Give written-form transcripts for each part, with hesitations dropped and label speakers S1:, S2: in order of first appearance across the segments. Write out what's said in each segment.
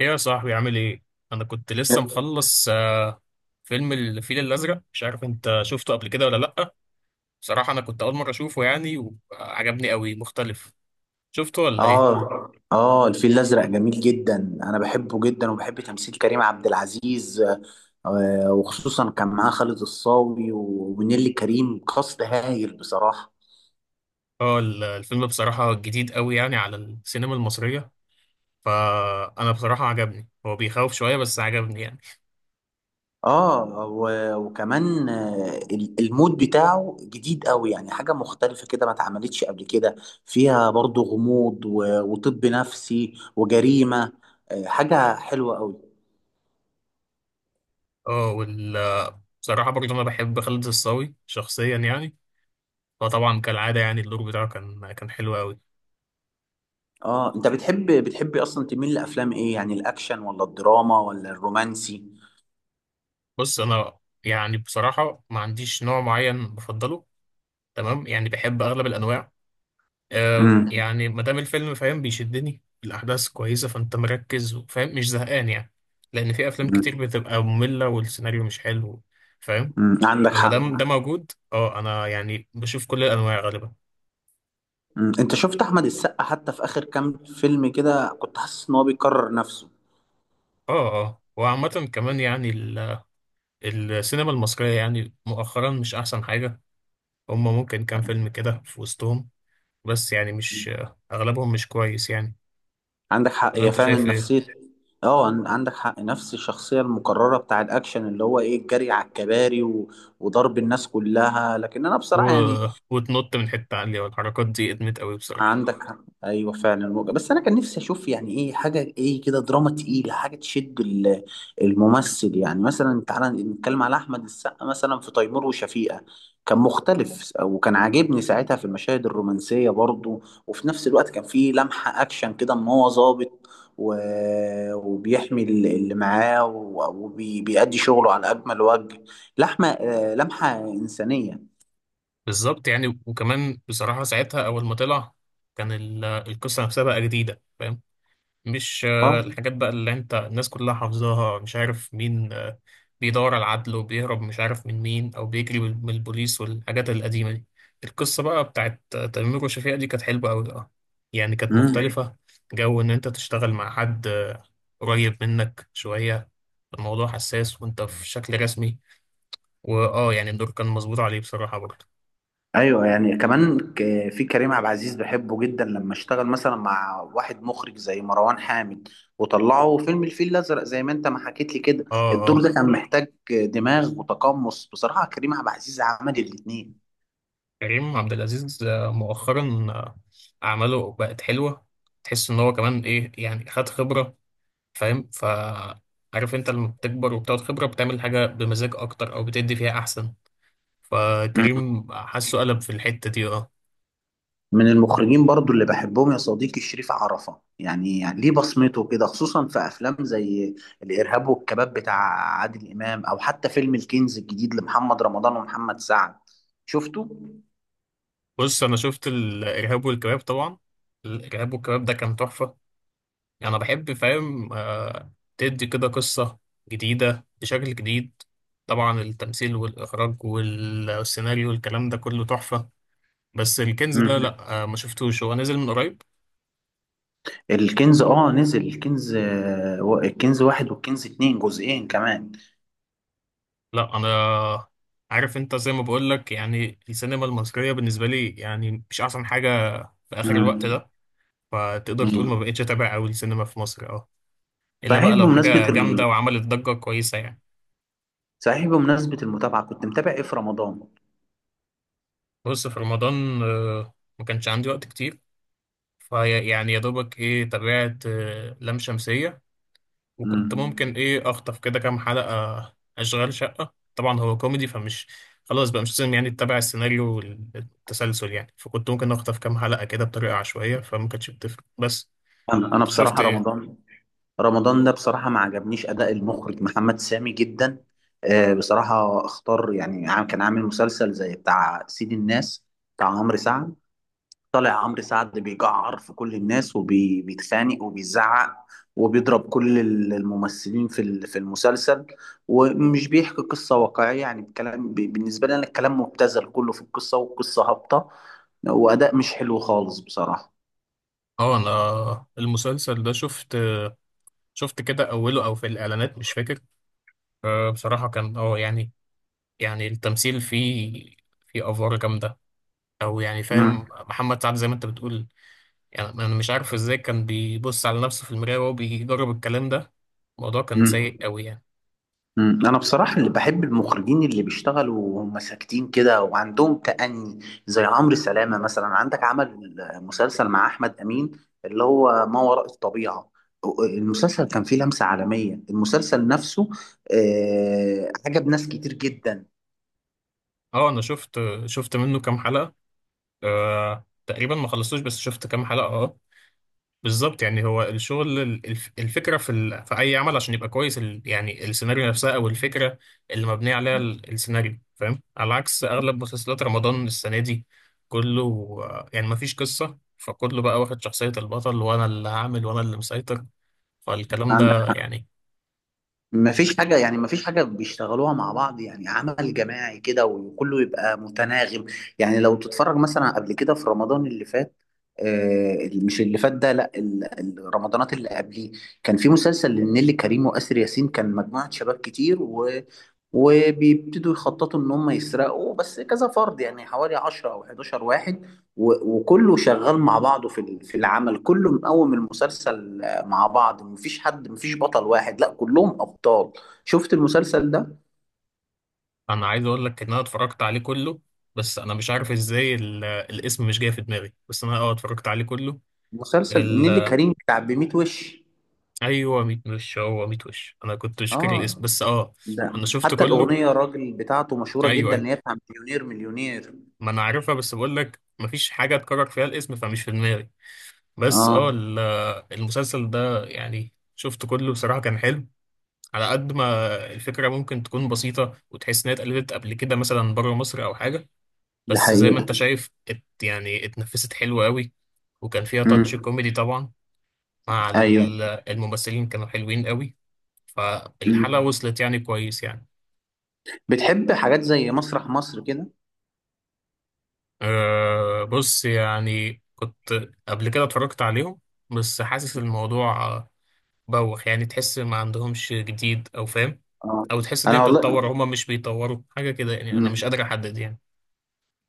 S1: ايه يا صاحبي عامل ايه؟ انا كنت لسه مخلص فيلم الفيل الازرق. مش عارف انت شفته قبل كده ولا لأ؟ بصراحة انا كنت اول مرة اشوفه يعني، وعجبني قوي، مختلف. شفته ولا ايه؟
S2: اه، اه، الفيل الازرق جميل جدا. انا بحبه جدا وبحب تمثيل كريم عبد العزيز. وخصوصا كان معاه خالد الصاوي ونيلي كريم، كاست هايل بصراحه.
S1: اه، الفيلم بصراحة جديد قوي يعني على السينما المصرية، فانا بصراحة عجبني. هو بيخوف شوية بس عجبني يعني.
S2: اه، وكمان المود بتاعه جديد قوي، يعني حاجه مختلفه كده ما اتعملتش قبل كده. فيها برضو غموض وطب نفسي وجريمه. حاجه حلوه قوي.
S1: اه، بصراحة برضه انا بحب خالد الصاوي شخصيا يعني، فطبعا كالعادة يعني الدور بتاعه كان حلو قوي.
S2: اه، انت بتحب اصلا تميل لافلام ايه؟ يعني الاكشن ولا الدراما ولا الرومانسي؟
S1: بص انا، يعني بصراحة ما عنديش نوع معين بفضله، تمام، يعني بحب اغلب الانواع.
S2: امم.
S1: يعني ما دام الفيلم فاهم، بيشدني، الاحداث كويسه، فانت مركز وفاهم، مش زهقان يعني. لان في افلام
S2: أمم.
S1: كتير بتبقى ممله والسيناريو مش حلو، فاهم.
S2: أمم، عندك
S1: لما
S2: حق.
S1: دام ده موجود، اه، انا يعني بشوف كل الانواع غالبا.
S2: انت شفت احمد السقا حتى في اخر كام فيلم كده كنت حاسس ان هو بيكرر نفسه؟
S1: اه، اه، وعامه كمان يعني السينما المصريه يعني مؤخرا مش احسن حاجه. هم ممكن كام فيلم كده في وسطهم، بس يعني
S2: مم.
S1: مش اغلبهم مش كويس يعني.
S2: عندك حق،
S1: ولا
S2: هي
S1: انت
S2: فعلا
S1: شايف ايه؟
S2: نفسية. اه، عندك حق، نفس الشخصية المكررة بتاع الأكشن، اللي هو إيه، الجري على الكباري وضرب الناس كلها. لكن أنا
S1: و...
S2: بصراحة، يعني
S1: وتنط من حتة عالية والحركات دي ادمت قوي بصراحة.
S2: عندك حق. ايوه فعلا وجه. بس انا كان نفسي اشوف، يعني ايه، حاجه ايه كده، دراما تقيله، حاجه تشد الممثل. يعني مثلا تعالى نتكلم على احمد السقا مثلا في تيمور وشفيقه، كان مختلف وكان عاجبني ساعتها في المشاهد الرومانسيه برضو، وفي نفس الوقت كان فيه لمحه اكشن كده، ان هو ظابط و... وبيحمي اللي معاه وبيأدي شغله على اجمل وجه. لحمه، لمحه انسانيه.
S1: بالظبط يعني، وكمان بصراحة ساعتها أول ما طلع كان القصة نفسها بقى جديدة، فاهم. مش
S2: اه.
S1: الحاجات بقى اللي أنت الناس كلها حافظاها، مش عارف مين بيدور على العدل، وبيهرب مش عارف من مين، أو بيجري من البوليس، والحاجات القديمة دي. القصة بقى بتاعت تيمور وشفيقة دي كانت حلوة أوي، أه. يعني كانت
S2: مم.
S1: مختلفة. جو إن أنت تشتغل مع حد قريب منك شوية، الموضوع حساس، وأنت في شكل رسمي. واه، يعني الدور كان مظبوط عليه بصراحة برضه.
S2: ايوه يعني كمان، في كريم عبد العزيز بحبه جدا لما اشتغل مثلا مع واحد مخرج زي مروان حامد، وطلعوا فيلم الفيل الازرق زي ما انت ما حكيت لي كده.
S1: اه،
S2: الدور
S1: اه،
S2: ده كان محتاج دماغ وتقمص، بصراحه كريم عبد العزيز عمل الاثنين.
S1: كريم عبد العزيز مؤخرا أعماله بقت حلوة. تحس إن هو كمان إيه يعني، خد خبرة، فاهم. عارف أنت لما بتكبر وبتاخد خبرة بتعمل حاجة بمزاج أكتر، أو بتدي فيها أحسن.
S2: مم.
S1: فكريم حاسه قلب في الحتة دي، اه.
S2: من المخرجين برضو اللي بحبهم يا صديقي شريف عرفة، يعني, يعني ليه بصمته كده، خصوصا في افلام زي الارهاب والكباب بتاع عادل امام، او حتى فيلم الكنز الجديد لمحمد رمضان ومحمد سعد. شفته؟
S1: بص أنا شفت الإرهاب والكباب طبعا. الإرهاب والكباب ده كان تحفة. يعني انا بحب، فاهم، تدي كده قصة جديدة بشكل جديد. طبعا التمثيل والاخراج والسيناريو والكلام ده كله تحفة. بس الكنز ده
S2: مم.
S1: لا، ما شفتوش، هو نزل من قريب.
S2: الكنز اه نزل الكنز، الكنز واحد والكنز اتنين جزئين كمان.
S1: لا، انا عارف، انت زي ما بقول لك يعني السينما المصرية بالنسبة لي يعني مش احسن حاجة في اخر الوقت
S2: مم.
S1: ده. فتقدر تقول
S2: مم.
S1: ما بقتش اتابع قوي السينما في مصر، اه، الا
S2: صحيح
S1: بقى لو
S2: بمناسبة
S1: حاجة جامدة وعملت ضجة كويسة يعني.
S2: صحيح بمناسبة المتابعة كنت متابع ايه في رمضان؟
S1: بص، في رمضان ما كانش عندي وقت كتير. فيعني يا دوبك ايه، تابعت لام شمسية، وكنت
S2: مم.
S1: ممكن ايه اخطف كده كام حلقة اشغال شقة. طبعا هو كوميدي، فمش، خلاص بقى مش لازم يعني تتابع السيناريو والتسلسل يعني، فكنت ممكن اخطف كام حلقة كده بطريقة عشوائية فما كانتش بتفرق، بس.
S2: انا
S1: انت شفت
S2: بصراحة
S1: ايه؟
S2: رمضان، رمضان ده بصراحة ما عجبنيش اداء المخرج محمد سامي جدا. بصراحة اختار، يعني كان عامل مسلسل زي بتاع سيد الناس بتاع عمرو سعد. طالع عمرو سعد بيجعر في كل الناس وبيتخانق وبيزعق وبيضرب كل الممثلين في في المسلسل، ومش بيحكي قصة واقعية. يعني الكلام، بالنسبة لي أنا، الكلام مبتذل كله في القصة، والقصة هابطة وأداء مش حلو خالص بصراحة.
S1: اه، انا المسلسل ده شفت، شفت كده اوله او في الاعلانات مش فاكر. بصراحة كان، يعني التمثيل فيه، فيه افوار جامدة، او يعني
S2: مم.
S1: فاهم، محمد سعد زي ما انت بتقول. يعني انا مش عارف ازاي كان بيبص على نفسه في المراية وهو بيجرب الكلام ده. الموضوع كان
S2: مم.
S1: سيء قوي يعني.
S2: مم. انا بصراحه اللي بحب المخرجين اللي بيشتغلوا وهم ساكتين كده وعندهم تأني، زي عمرو سلامه مثلا. عندك عمل مسلسل مع احمد امين، اللي هو ما وراء الطبيعه. المسلسل كان فيه لمسه عالميه، المسلسل نفسه، عجب ناس كتير جدا.
S1: اه انا شفت منه كام حلقة، آه، تقريبا ما خلصتوش، بس شفت كام حلقة، اه. بالظبط، يعني هو الشغل الفكرة في اي عمل عشان يبقى كويس، يعني السيناريو نفسها او الفكرة اللي مبنية عليها السيناريو، فاهم، على عكس اغلب مسلسلات رمضان السنة دي. كله يعني ما فيش قصة، فكله بقى واخد شخصية البطل، وانا اللي هعمل وانا اللي مسيطر. فالكلام
S2: عندك
S1: ده يعني.
S2: مفيش حاجة، يعني مفيش حاجة بيشتغلوها مع بعض، يعني عمل جماعي كده وكله يبقى متناغم. يعني لو تتفرج مثلا قبل كده في رمضان اللي فات، آه مش اللي فات ده لا، الرمضانات اللي قبليه، كان في مسلسل لنيلي كريم وآسر ياسين، كان مجموعة شباب كتير وبيبتدوا يخططوا ان هم يسرقوا، بس كذا فرد، يعني حوالي 10 او 11 واحد، وكله شغال مع بعضه في في العمل كله، مقوم المسلسل، مع بعض، مفيش حد، مفيش بطل واحد، لا كلهم ابطال. شفت المسلسل ده؟
S1: انا عايز اقول لك ان انا اتفرجت عليه كله، بس انا مش عارف ازاي الاسم مش جاي في دماغي، بس انا، اه، اتفرجت عليه كله.
S2: مسلسل
S1: ال...
S2: نيلي كريم بتاع بميت وش.
S1: ايوه، ميت وش، هو ميت وش، انا كنت مش فاكر الاسم،
S2: اه،
S1: بس اه.
S2: ده
S1: انا شفت
S2: حتى
S1: كله،
S2: الاغنيه الراجل بتاعته مشهوره
S1: ايوه
S2: جدا،
S1: ايوه،
S2: اللي هي بتاع مليونير مليونير.
S1: ما انا عارفها، بس بقول لك مفيش حاجه اتكرر فيها الاسم فمش في دماغي. بس
S2: اه،
S1: اه ال- المسلسل ده يعني شفت كله، بصراحه كان حلو. على قد ما الفكره ممكن تكون بسيطه، وتحس انها اتقلدت قبل كده مثلا بره مصر او حاجه،
S2: دي
S1: بس زي ما
S2: حقيقه.
S1: انت شايف، يعني اتنفست حلو قوي. وكان فيها تاتش
S2: امم.
S1: كوميدي طبعا، مع
S2: ايوه.
S1: الممثلين كانوا حلوين قوي. فالحلقة
S2: امم.
S1: وصلت يعني كويس يعني.
S2: بتحب حاجات زي مسرح مصر كده؟
S1: أه، بص، يعني كنت قبل كده اتفرجت عليهم، بس حاسس الموضوع، بوخ يعني، تحس ما عندهمش جديد، او فاهم،
S2: اه.
S1: او تحس ان هي
S2: انا والله.
S1: بتتطور، هما مش بيطوروا حاجة كده يعني. انا مش
S2: مم.
S1: قادر احدد يعني.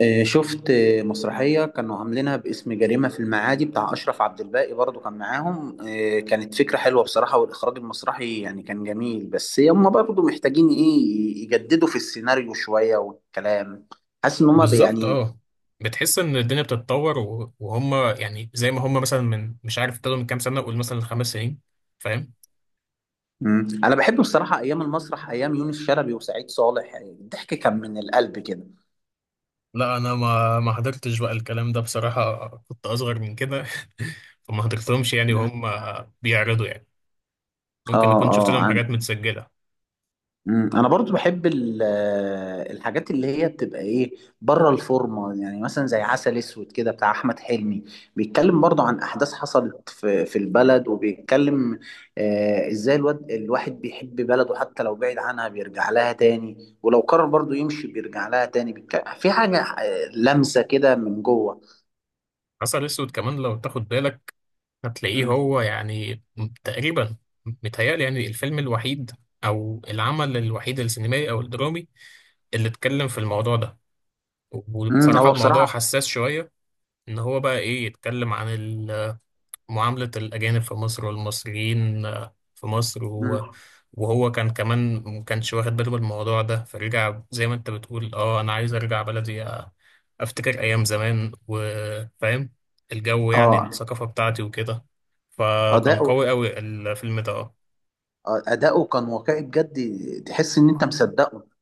S2: شفت مسرحية كانوا عاملينها باسم جريمة في المعادي بتاع أشرف عبد الباقي، برضو كان معاهم. كانت فكرة حلوة بصراحة، والإخراج المسرحي يعني كان جميل، بس هم برضو محتاجين إيه يجددوا في السيناريو شوية والكلام. حاسس إن هم
S1: بالظبط
S2: يعني.
S1: اه. بتحس ان الدنيا بتتطور، وهم يعني زي ما هم مثلا، من مش عارف، ابتدوا من كام سنه، قول مثلا 5 سنين، فاهم.
S2: مم. أنا بحب بصراحة أيام المسرح، أيام يونس شلبي وسعيد صالح، يعني الضحك كان من القلب كده.
S1: لا، انا ما حضرتش بقى الكلام ده بصراحه، كنت اصغر من كده فما حضرتهمش يعني وهم
S2: مم.
S1: بيعرضوا يعني، ممكن
S2: آه،
S1: اكون شفت لهم
S2: آه.
S1: حاجات متسجله.
S2: مم. انا برضو بحب الحاجات اللي هي بتبقى ايه بره الفورمه. يعني مثلا زي عسل اسود كده بتاع احمد حلمي، بيتكلم برضو عن احداث حصلت في في البلد، وبيتكلم آه ازاي الواد الواحد بيحب بلده حتى لو بعيد عنها بيرجع لها تاني، ولو قرر برضو يمشي بيرجع لها تاني. في حاجه، لمسه كده من جوه.
S1: عسل اسود كمان لو تاخد بالك هتلاقيه
S2: مم.
S1: هو يعني، تقريبا، متهيألي يعني الفيلم الوحيد، او العمل الوحيد السينمائي او الدرامي اللي اتكلم في الموضوع ده.
S2: مم.
S1: وبصراحة
S2: هو
S1: الموضوع
S2: بصراحه.
S1: حساس شوية، ان هو بقى ايه، يتكلم عن معاملة الاجانب في مصر والمصريين في مصر،
S2: مم.
S1: وهو كان كمان ما كانش واخد باله من الموضوع ده، فرجع زي ما انت بتقول، اه انا عايز ارجع بلدي، افتكر ايام زمان، وفاهم الجو يعني،
S2: اه،
S1: الثقافة بتاعتي وكده. فكان
S2: اداؤه،
S1: قوي قوي الفيلم ده، اه.
S2: اداؤه كان واقعي بجد، تحس ان انت مصدقه.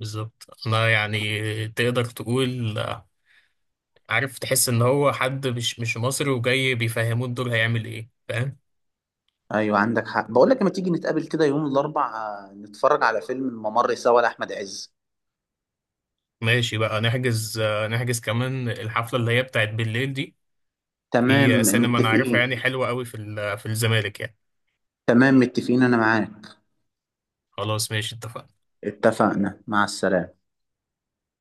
S1: بالظبط، انا يعني تقدر تقول، عارف، تحس ان هو حد مش مصري وجاي بيفهموه الدور هيعمل ايه، فاهم.
S2: ايوه عندك حق، بقول لك لما تيجي نتقابل كده يوم الاربع، نتفرج على فيلم الممر سوا لاحمد عز.
S1: ماشي بقى، نحجز كمان الحفلة اللي هي بتاعت بالليل دي،
S2: تمام
S1: في سينما أنا عارفها يعني
S2: متفقين.
S1: حلوة قوي في الزمالك يعني.
S2: تمام متفقين، انا معاك.
S1: خلاص، ماشي، اتفقنا.
S2: اتفقنا، مع السلامه.